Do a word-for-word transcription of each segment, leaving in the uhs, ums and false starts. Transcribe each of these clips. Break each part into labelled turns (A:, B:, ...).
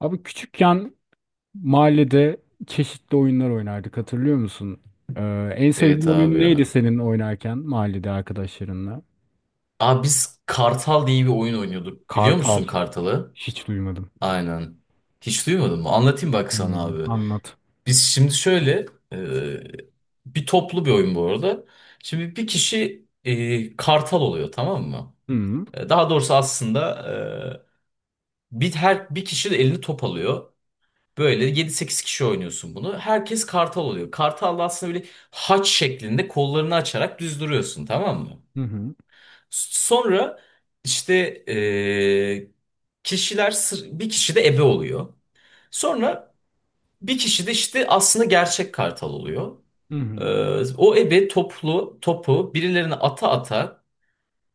A: Abi küçükken mahallede çeşitli oyunlar oynardık hatırlıyor musun? Ee, en
B: Evet
A: sevdiğin oyun
B: abi
A: neydi
B: ya.
A: senin oynarken mahallede arkadaşlarınla?
B: Abi biz Kartal diye bir oyun oynuyorduk. Biliyor
A: Kartal.
B: musun Kartal'ı?
A: Hiç duymadım.
B: Aynen. Hiç duymadın mı? Anlatayım
A: Hiç
B: bak sana
A: duymadım.
B: abi.
A: Anlat.
B: Biz şimdi şöyle e, bir toplu bir oyun bu arada. Şimdi bir kişi e, Kartal oluyor, tamam mı?
A: Hı hı
B: E, Daha doğrusu aslında e, bir her bir kişi de elini top alıyor. Böyle yedi sekiz kişi oynuyorsun bunu. Herkes Kartal oluyor. Kartal da aslında böyle haç şeklinde kollarını açarak düz duruyorsun, tamam mı?
A: hı
B: Sonra işte eee, kişiler sır- bir kişi de ebe oluyor. Sonra bir kişi de işte aslında gerçek kartal oluyor.
A: hı hı.
B: Eee, o ebe toplu topu birilerine ata ata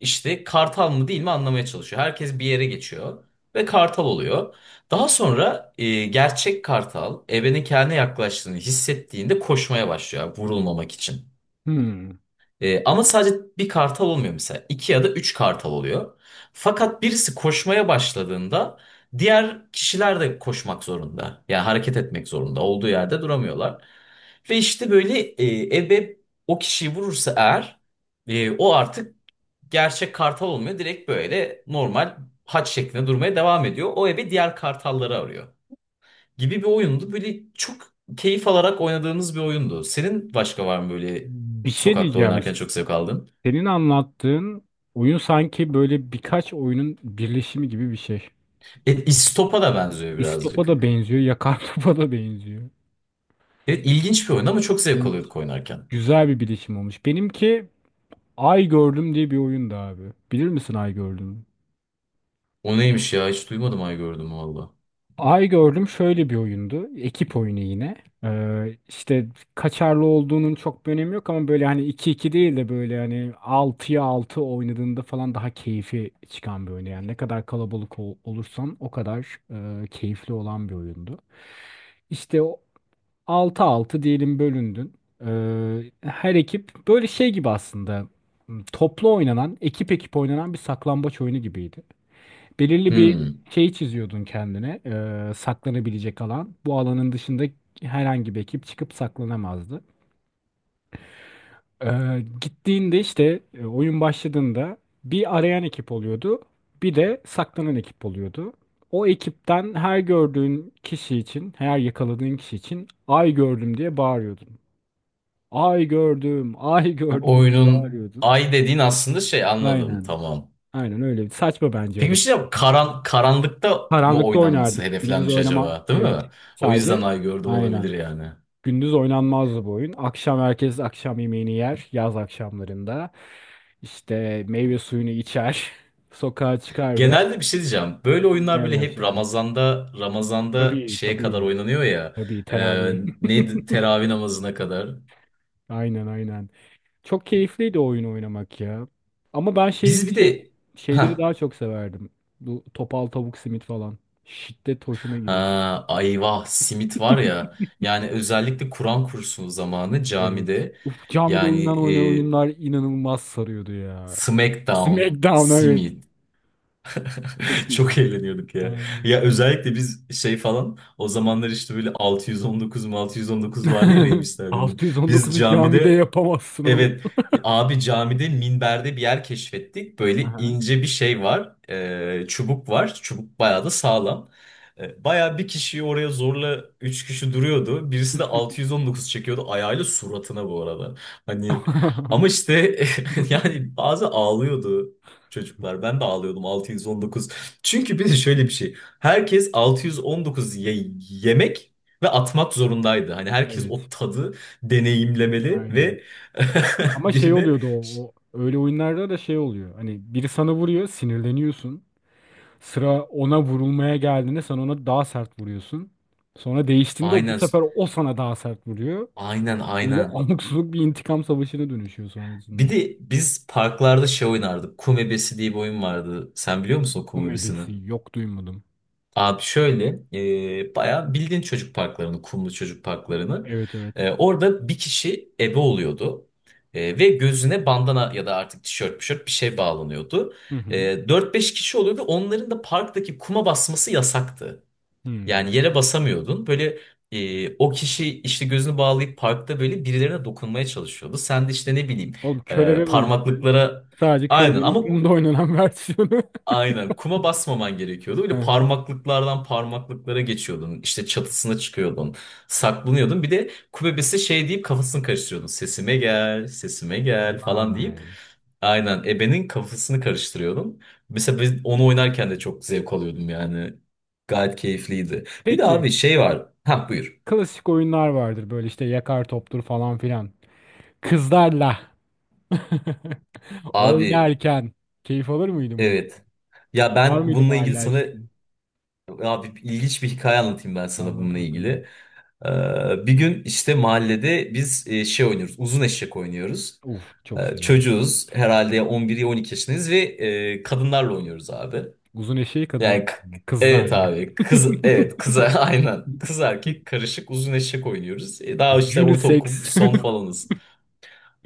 B: işte kartal mı değil mi anlamaya çalışıyor. Herkes bir yere geçiyor ve kartal oluyor. Daha sonra eee, gerçek kartal ebenin kendine yaklaştığını hissettiğinde koşmaya başlıyor vurulmamak için.
A: hı.
B: Ee, ama sadece bir kartal olmuyor mesela. İki ya da üç kartal oluyor. Fakat birisi koşmaya başladığında diğer kişiler de koşmak zorunda. Yani hareket etmek zorunda. Olduğu yerde duramıyorlar. Ve işte böyle e, ebe o kişiyi vurursa eğer e, o artık gerçek kartal olmuyor. Direkt böyle normal haç şeklinde durmaya devam ediyor. O ebe diğer kartalları arıyor gibi bir oyundu. Böyle çok keyif alarak oynadığımız bir oyundu. Senin başka var mı böyle
A: Bir şey
B: sokakta
A: diyeceğim.
B: oynarken çok zevk aldığın?
A: Senin anlattığın oyun sanki böyle birkaç oyunun birleşimi gibi bir şey.
B: E, İstop'a da benziyor
A: İstopa da
B: birazcık.
A: benziyor, yakar topa da benziyor.
B: Evet, ilginç bir oyun ama çok zevk
A: Evet.
B: alıyorduk oynarken.
A: Güzel bir birleşim olmuş. Benimki Ay Gördüm diye bir oyundu abi. Bilir misin Ay Gördüm?
B: O neymiş ya, hiç duymadım ay gördüm valla.
A: Ay Gördüm şöyle bir oyundu. Ekip oyunu yine. Ee, işte kaçarlı olduğunun çok bir önemi yok ama böyle hani iki iki değil de böyle hani altıya altı oynadığında falan daha keyfi çıkan bir oyun. Yani ne kadar kalabalık ol- olursan o kadar e, keyifli olan bir oyundu. İşte o altı 6 diyelim bölündün. Ee, her ekip böyle şey gibi aslında toplu oynanan, ekip ekip oynanan bir saklambaç oyunu gibiydi. Belirli bir
B: Hmm.
A: şey çiziyordun kendine, e, saklanabilecek alan. Bu alanın dışında herhangi bir ekip çıkıp saklanamazdı. E, gittiğinde işte e, oyun başladığında bir arayan ekip oluyordu, bir de saklanan ekip oluyordu. O ekipten her gördüğün kişi için, her yakaladığın kişi için ay gördüm diye bağırıyordun. Ay gördüm, ay gördüm diye
B: Oyunun
A: bağırıyordun.
B: ay dediğin aslında şey, anladım
A: Aynen.
B: tamam.
A: Aynen öyle. Saçma bence
B: Peki bir
A: adı.
B: şey diyeceğim. Karan, karanlıkta mı
A: Karanlıkta
B: oynanması
A: oynardık. Gündüz
B: hedeflenmiş
A: oynama.
B: acaba, değil
A: Evet.
B: mi? O
A: Sadece
B: yüzden ay gördüm olabilir
A: aynen.
B: yani.
A: Gündüz oynanmazdı bu oyun. Akşam herkes akşam yemeğini yer. Yaz akşamlarında. İşte meyve suyunu içer. Sokağa çıkar ve
B: Genelde bir şey diyeceğim. Böyle oyunlar
A: oynamaya
B: böyle hep
A: başlardık.
B: Ramazan'da Ramazan'da
A: Tabii
B: şeye kadar
A: tabii.
B: oynanıyor ya.
A: Tabii
B: E,
A: teravih.
B: neydi? Teravih namazına kadar.
A: Aynen aynen. Çok keyifliydi o oyunu oynamak ya. Ama ben şey,
B: Biz bir
A: şey
B: de
A: şeyleri
B: ha
A: daha çok severdim. Bu topal tavuk simit falan. Şiddet hoşuma gidiyor.
B: ha ayvah simit var ya. Yani özellikle Kur'an kursu zamanı
A: Evet.
B: camide,
A: Uf, camide
B: yani
A: oynanan oynanan oyunlar
B: e,
A: inanılmaz sarıyordu ya.
B: Smackdown,
A: SmackDown evet.
B: simit.
A: Çok iyi.
B: Çok eğleniyorduk ya.
A: Aynen.
B: Ya özellikle biz şey falan o zamanlar işte böyle altı yüz on dokuz mu altı yüz on dokuz vardı ya Rey Mysterio'nun. Biz
A: altı on dokuzu camide
B: camide
A: yapamazsın oğlum.
B: Evet abi, camide minberde bir yer keşfettik. Böyle
A: Aha.
B: ince bir şey var. E, çubuk var. Çubuk bayağı da sağlam. E, bayağı bir kişiyi oraya zorla üç kişi duruyordu. Birisi de altı yüz on dokuz çekiyordu ayağıyla suratına bu arada. Hani, ama işte yani bazı ağlıyordu çocuklar. Ben de ağlıyordum altı yüz on dokuz. Çünkü bir de şöyle bir şey. Herkes altı yüz on dokuz ye- yemek ve atmak zorundaydı. Hani herkes
A: Evet.
B: o tadı deneyimlemeli
A: Aynen.
B: ve
A: Ama şey
B: birine
A: oluyordu o, o. Öyle oyunlarda da şey oluyor. Hani biri sana vuruyor, sinirleniyorsun. Sıra ona vurulmaya geldiğinde sen ona daha sert vuruyorsun. Sonra değiştiğinde o bu
B: aynen
A: sefer o sana daha sert vuruyor.
B: aynen
A: Böyle
B: aynen.
A: abuk subuk bir intikam savaşına dönüşüyor
B: Bir
A: sonrasında.
B: de biz parklarda şey oynardık. Kum ebesi diye bir oyun vardı. Sen biliyor musun o kum
A: Kum
B: ebesini?
A: ebesi yok duymadım.
B: Abi şöyle e, bayağı bildiğin çocuk parklarını, kumlu çocuk parklarını.
A: Evet evet.
B: E, orada bir kişi ebe oluyordu. E, ve gözüne bandana ya da artık tişört, tişört bir şey bağlanıyordu.
A: Hı hı.
B: E, dört beş kişi oluyordu. Onların da parktaki kuma basması yasaktı.
A: Hmm.
B: Yani yere basamıyordun. Böyle e, o kişi işte gözünü bağlayıp parkta böyle birilerine dokunmaya çalışıyordu. Sen de işte ne bileyim
A: Oğlum
B: e,
A: körebe bu işte.
B: parmaklıklara,
A: Sadece
B: aynen
A: körebenin
B: ama
A: kumda oynanan versiyonu.
B: aynen. Kuma basmaman gerekiyordu.
A: Hı
B: Böyle
A: hı.
B: parmaklıklardan parmaklıklara geçiyordun. İşte çatısına çıkıyordun. Saklanıyordun. Bir de ku bebesi şey deyip kafasını karıştırıyordun. Sesime gel, sesime gel falan deyip.
A: Vay.
B: Aynen. Ebenin kafasını karıştırıyordun. Mesela biz onu oynarken de çok zevk alıyordum yani. Gayet keyifliydi. Bir de
A: Peki
B: abi şey var. Ha buyur.
A: klasik oyunlar vardır böyle işte yakar toptur falan filan. Kızlarla
B: Abi
A: oynarken keyif alır mıydın bunu?
B: evet. Ya
A: Var
B: ben
A: mıydı
B: bununla ilgili
A: mahalle
B: sana,
A: aşkın?
B: abi ilginç bir hikaye anlatayım ben sana
A: Anlat
B: bununla ilgili.
A: bakalım.
B: Ee, Bir gün işte mahallede biz e, şey oynuyoruz. Uzun eşek oynuyoruz.
A: Uf çok
B: Ee,
A: severim.
B: çocuğuz. Herhalde on bir on iki yaşındayız ve e, kadınlarla oynuyoruz abi.
A: Uzun eşeği kadınlar
B: Yani k- evet
A: kızlarla.
B: abi. Kız evet kıza aynen. Kız erkek karışık uzun eşek oynuyoruz. E, daha işte ortaokul
A: Unisex.
B: son falanız.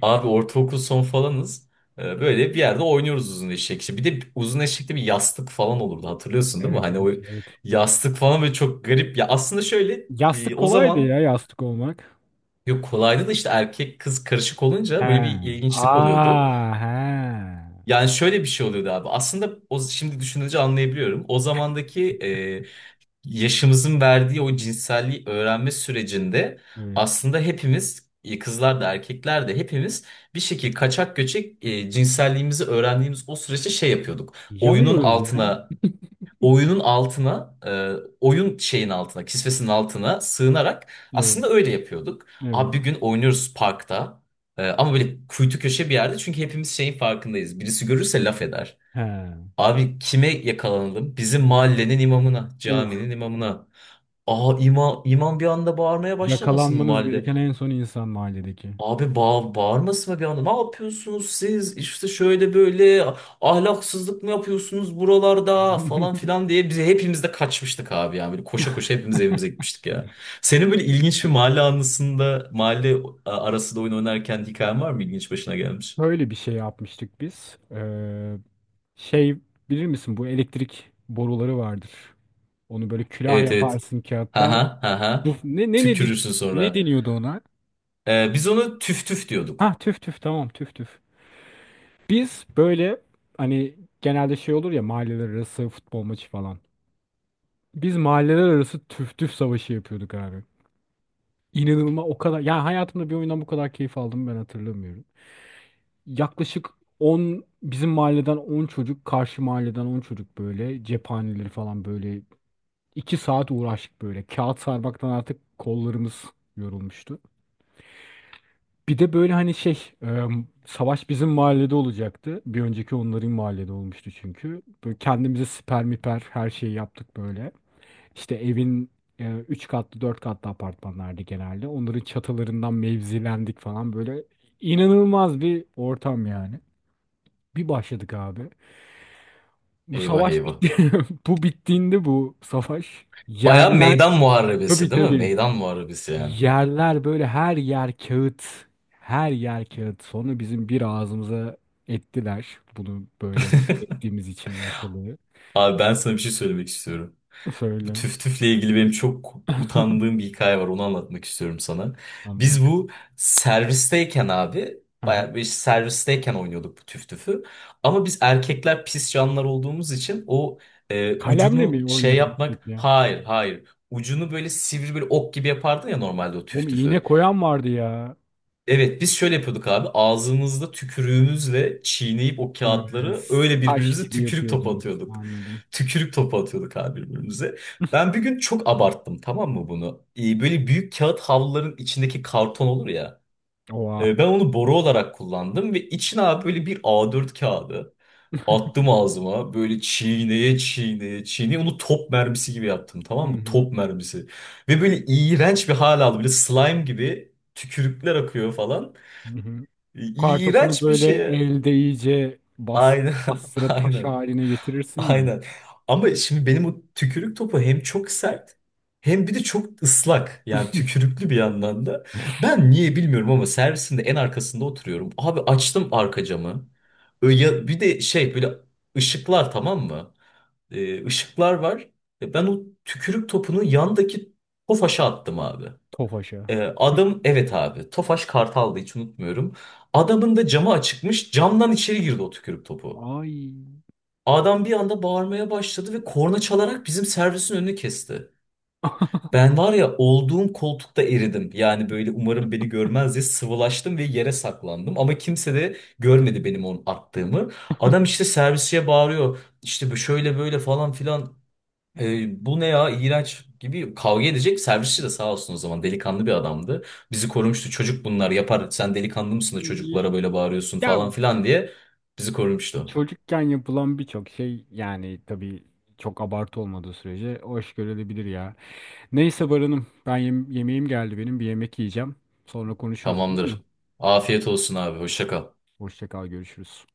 B: Abi ortaokul son falanız. Ee, Böyle bir yerde oynuyoruz uzun eşek. İşte bir de uzun eşekte bir yastık falan olurdu, hatırlıyorsun değil mi?
A: Evet
B: Hani
A: evet
B: o
A: evet.
B: yastık falan böyle çok garip. Ya aslında şöyle e,
A: Yastık
B: o
A: kolaydı ya
B: zaman
A: yastık olmak.
B: yok, kolaydı da işte erkek kız karışık
A: He.
B: olunca böyle bir ilginçlik oluyordu.
A: Aa he.
B: Yani şöyle bir şey oluyordu abi. Aslında o, şimdi düşününce anlayabiliyorum. O zamandaki e, yaşımızın verdiği o cinselliği öğrenme sürecinde
A: Evet.
B: aslında hepimiz, e, kızlar da erkekler de hepimiz bir şekilde kaçak göçek e, cinselliğimizi öğrendiğimiz o süreçte şey yapıyorduk. Oyunun
A: Yanıyoruz ya.
B: altına oyunun altına e, oyun şeyin altına kisvesinin altına sığınarak
A: Evet.
B: aslında öyle yapıyorduk.
A: Evet.
B: Abi bir gün oynuyoruz parkta e, ama böyle kuytu köşe bir yerde çünkü hepimiz şeyin farkındayız. Birisi görürse laf eder.
A: He.
B: Abi kime yakalanalım? Bizim mahallenin imamına,
A: Oh.
B: caminin imamına. Aa ima, imam bir anda bağırmaya başlamasın mı
A: Yakalanmanız
B: mahallede?
A: gereken en son insan mahalledeki.
B: Abi bağ, bağırmasın mı bir anda? Ne yapıyorsunuz siz? İşte şöyle böyle ahlaksızlık mı yapıyorsunuz buralarda falan filan diye, bize hepimiz de kaçmıştık abi yani. Böyle koşa koşa hepimiz evimize gitmiştik ya. Senin böyle ilginç bir mahalle anısında, mahalle arasında oyun oynarken hikayen var mı ilginç başına gelmiş?
A: Böyle bir şey yapmıştık biz. Ee, şey bilir misin bu elektrik boruları vardır. Onu böyle külah
B: Evet evet.
A: yaparsın
B: Ha
A: kağıtla.
B: ha ha
A: Duf-
B: ha.
A: Ne ne ne
B: Tükürürsün
A: ne
B: sonra.
A: deniyordu ona?
B: Ee, biz onu tüf tüf
A: Ha
B: diyorduk.
A: tüf tüf tamam tüf tüf. Biz böyle hani genelde şey olur ya mahalleler arası futbol maçı falan. Biz mahalleler arası tüf tüf savaşı yapıyorduk abi. İnanılmaz o kadar ya hayatımda bir oyundan bu kadar keyif aldım ben hatırlamıyorum. Yaklaşık on bizim mahalleden on çocuk karşı mahalleden on çocuk böyle cephaneleri falan böyle iki saat uğraştık böyle. Kağıt sarmaktan artık kollarımız yorulmuştu. Bir de böyle hani şey e, savaş bizim mahallede olacaktı. Bir önceki onların mahallede olmuştu çünkü. Böyle kendimize siper miper her şeyi yaptık böyle. İşte evin e, üç katlı dört katlı apartmanlardı genelde. Onların çatılarından mevzilendik falan böyle. İnanılmaz bir ortam yani. Bir başladık abi. Bu
B: Eyvah
A: savaş
B: eyvah.
A: bitti. Bu bittiğinde bu savaş.
B: Baya
A: Yerler
B: meydan muharebesi
A: tabii
B: değil mi?
A: tabii.
B: Meydan muharebesi yani.
A: Yerler böyle her yer kağıt. Her yer kağıt. Sonra bizim bir ağzımıza ettiler. Bunu böyle ettiğimiz için ortalığı.
B: Abi ben sana bir şey söylemek istiyorum. Bu
A: Söyle.
B: tüf tüfle ilgili benim çok utandığım bir hikaye var. Onu anlatmak istiyorum sana.
A: Anlat.
B: Biz bu servisteyken abi,
A: Aha.
B: baya bir servisteyken oynuyorduk bu tüf tüfü. Ama biz erkekler pis canlar olduğumuz için o e,
A: Kalemle
B: ucunu
A: mi
B: şey
A: oynuyordunuz peki
B: yapmak,
A: ya?
B: hayır hayır. Ucunu böyle sivri bir ok gibi yapardın ya normalde o
A: Oğlum
B: tüf
A: iğne
B: tüfü.
A: koyan vardı ya.
B: Evet biz şöyle yapıyorduk abi. Ağzımızda tükürüğümüzle çiğneyip o
A: Ee,
B: kağıtları öyle
A: taş
B: birbirimize
A: gibi
B: tükürük topu
A: yapıyordunuz.
B: atıyorduk.
A: Anladım.
B: Tükürük topu atıyorduk abi birbirimize. Ben bir gün çok abarttım, tamam mı bunu? Ee, böyle büyük kağıt havluların içindeki karton olur ya.
A: Oha.
B: Ee, ben onu boru olarak kullandım ve içine abi böyle bir A dört kağıdı attım ağzıma. Böyle çiğneye çiğneye çiğneye onu top mermisi gibi yaptım,
A: Hı
B: tamam mı?
A: hı.
B: Top mermisi. Ve böyle iğrenç bir hal aldı. Böyle slime gibi tükürükler akıyor falan.
A: Hı hı. Kartopunu
B: İğrenç bir
A: böyle
B: şeye.
A: elde iyice bas,
B: Aynen,
A: bastıra taş
B: aynen.
A: haline getirirsin ya.
B: Aynen. Ama şimdi benim o tükürük topu hem çok sert hem bir de çok ıslak. Yani tükürüklü bir yandan da. Ben niye bilmiyorum ama servisinde en arkasında oturuyorum. Abi açtım arka camı. Ö- Ya bir de şey böyle ışıklar, tamam mı? Ee, ışıklar var. E, Ben o tükrük topunu yandaki tofaşa attım abi.
A: Tofaşa.
B: Ee, adam evet abi Tofaş Kartal'dı, hiç unutmuyorum. Adamın da camı açıkmış, camdan içeri girdi o tükürük topu.
A: Ay.
B: Adam bir anda bağırmaya başladı ve korna çalarak bizim servisin önünü kesti. Ben var ya olduğum koltukta eridim. Yani böyle umarım beni görmez diye sıvılaştım ve yere saklandım. Ama kimse de görmedi benim onu attığımı. Adam işte servisçiye bağırıyor. İşte bu şöyle böyle falan filan. E, bu ne ya, iğrenç gibi kavga edecek, servisçi de sağ olsun o zaman delikanlı bir adamdı. Bizi korumuştu, çocuk bunlar yapar, sen delikanlı mısın da çocuklara
A: Y-
B: böyle bağırıyorsun
A: Ya
B: falan filan diye bizi korumuştu.
A: çocukken yapılan birçok şey yani tabii çok abartı olmadığı sürece hoş görülebilir ya. Neyse Baran'ım ben yem- yemeğim geldi benim bir yemek yiyeceğim. Sonra konuşuruz olur mu?
B: Tamamdır. Afiyet olsun abi, hoşça kal.
A: Hoşça kal görüşürüz.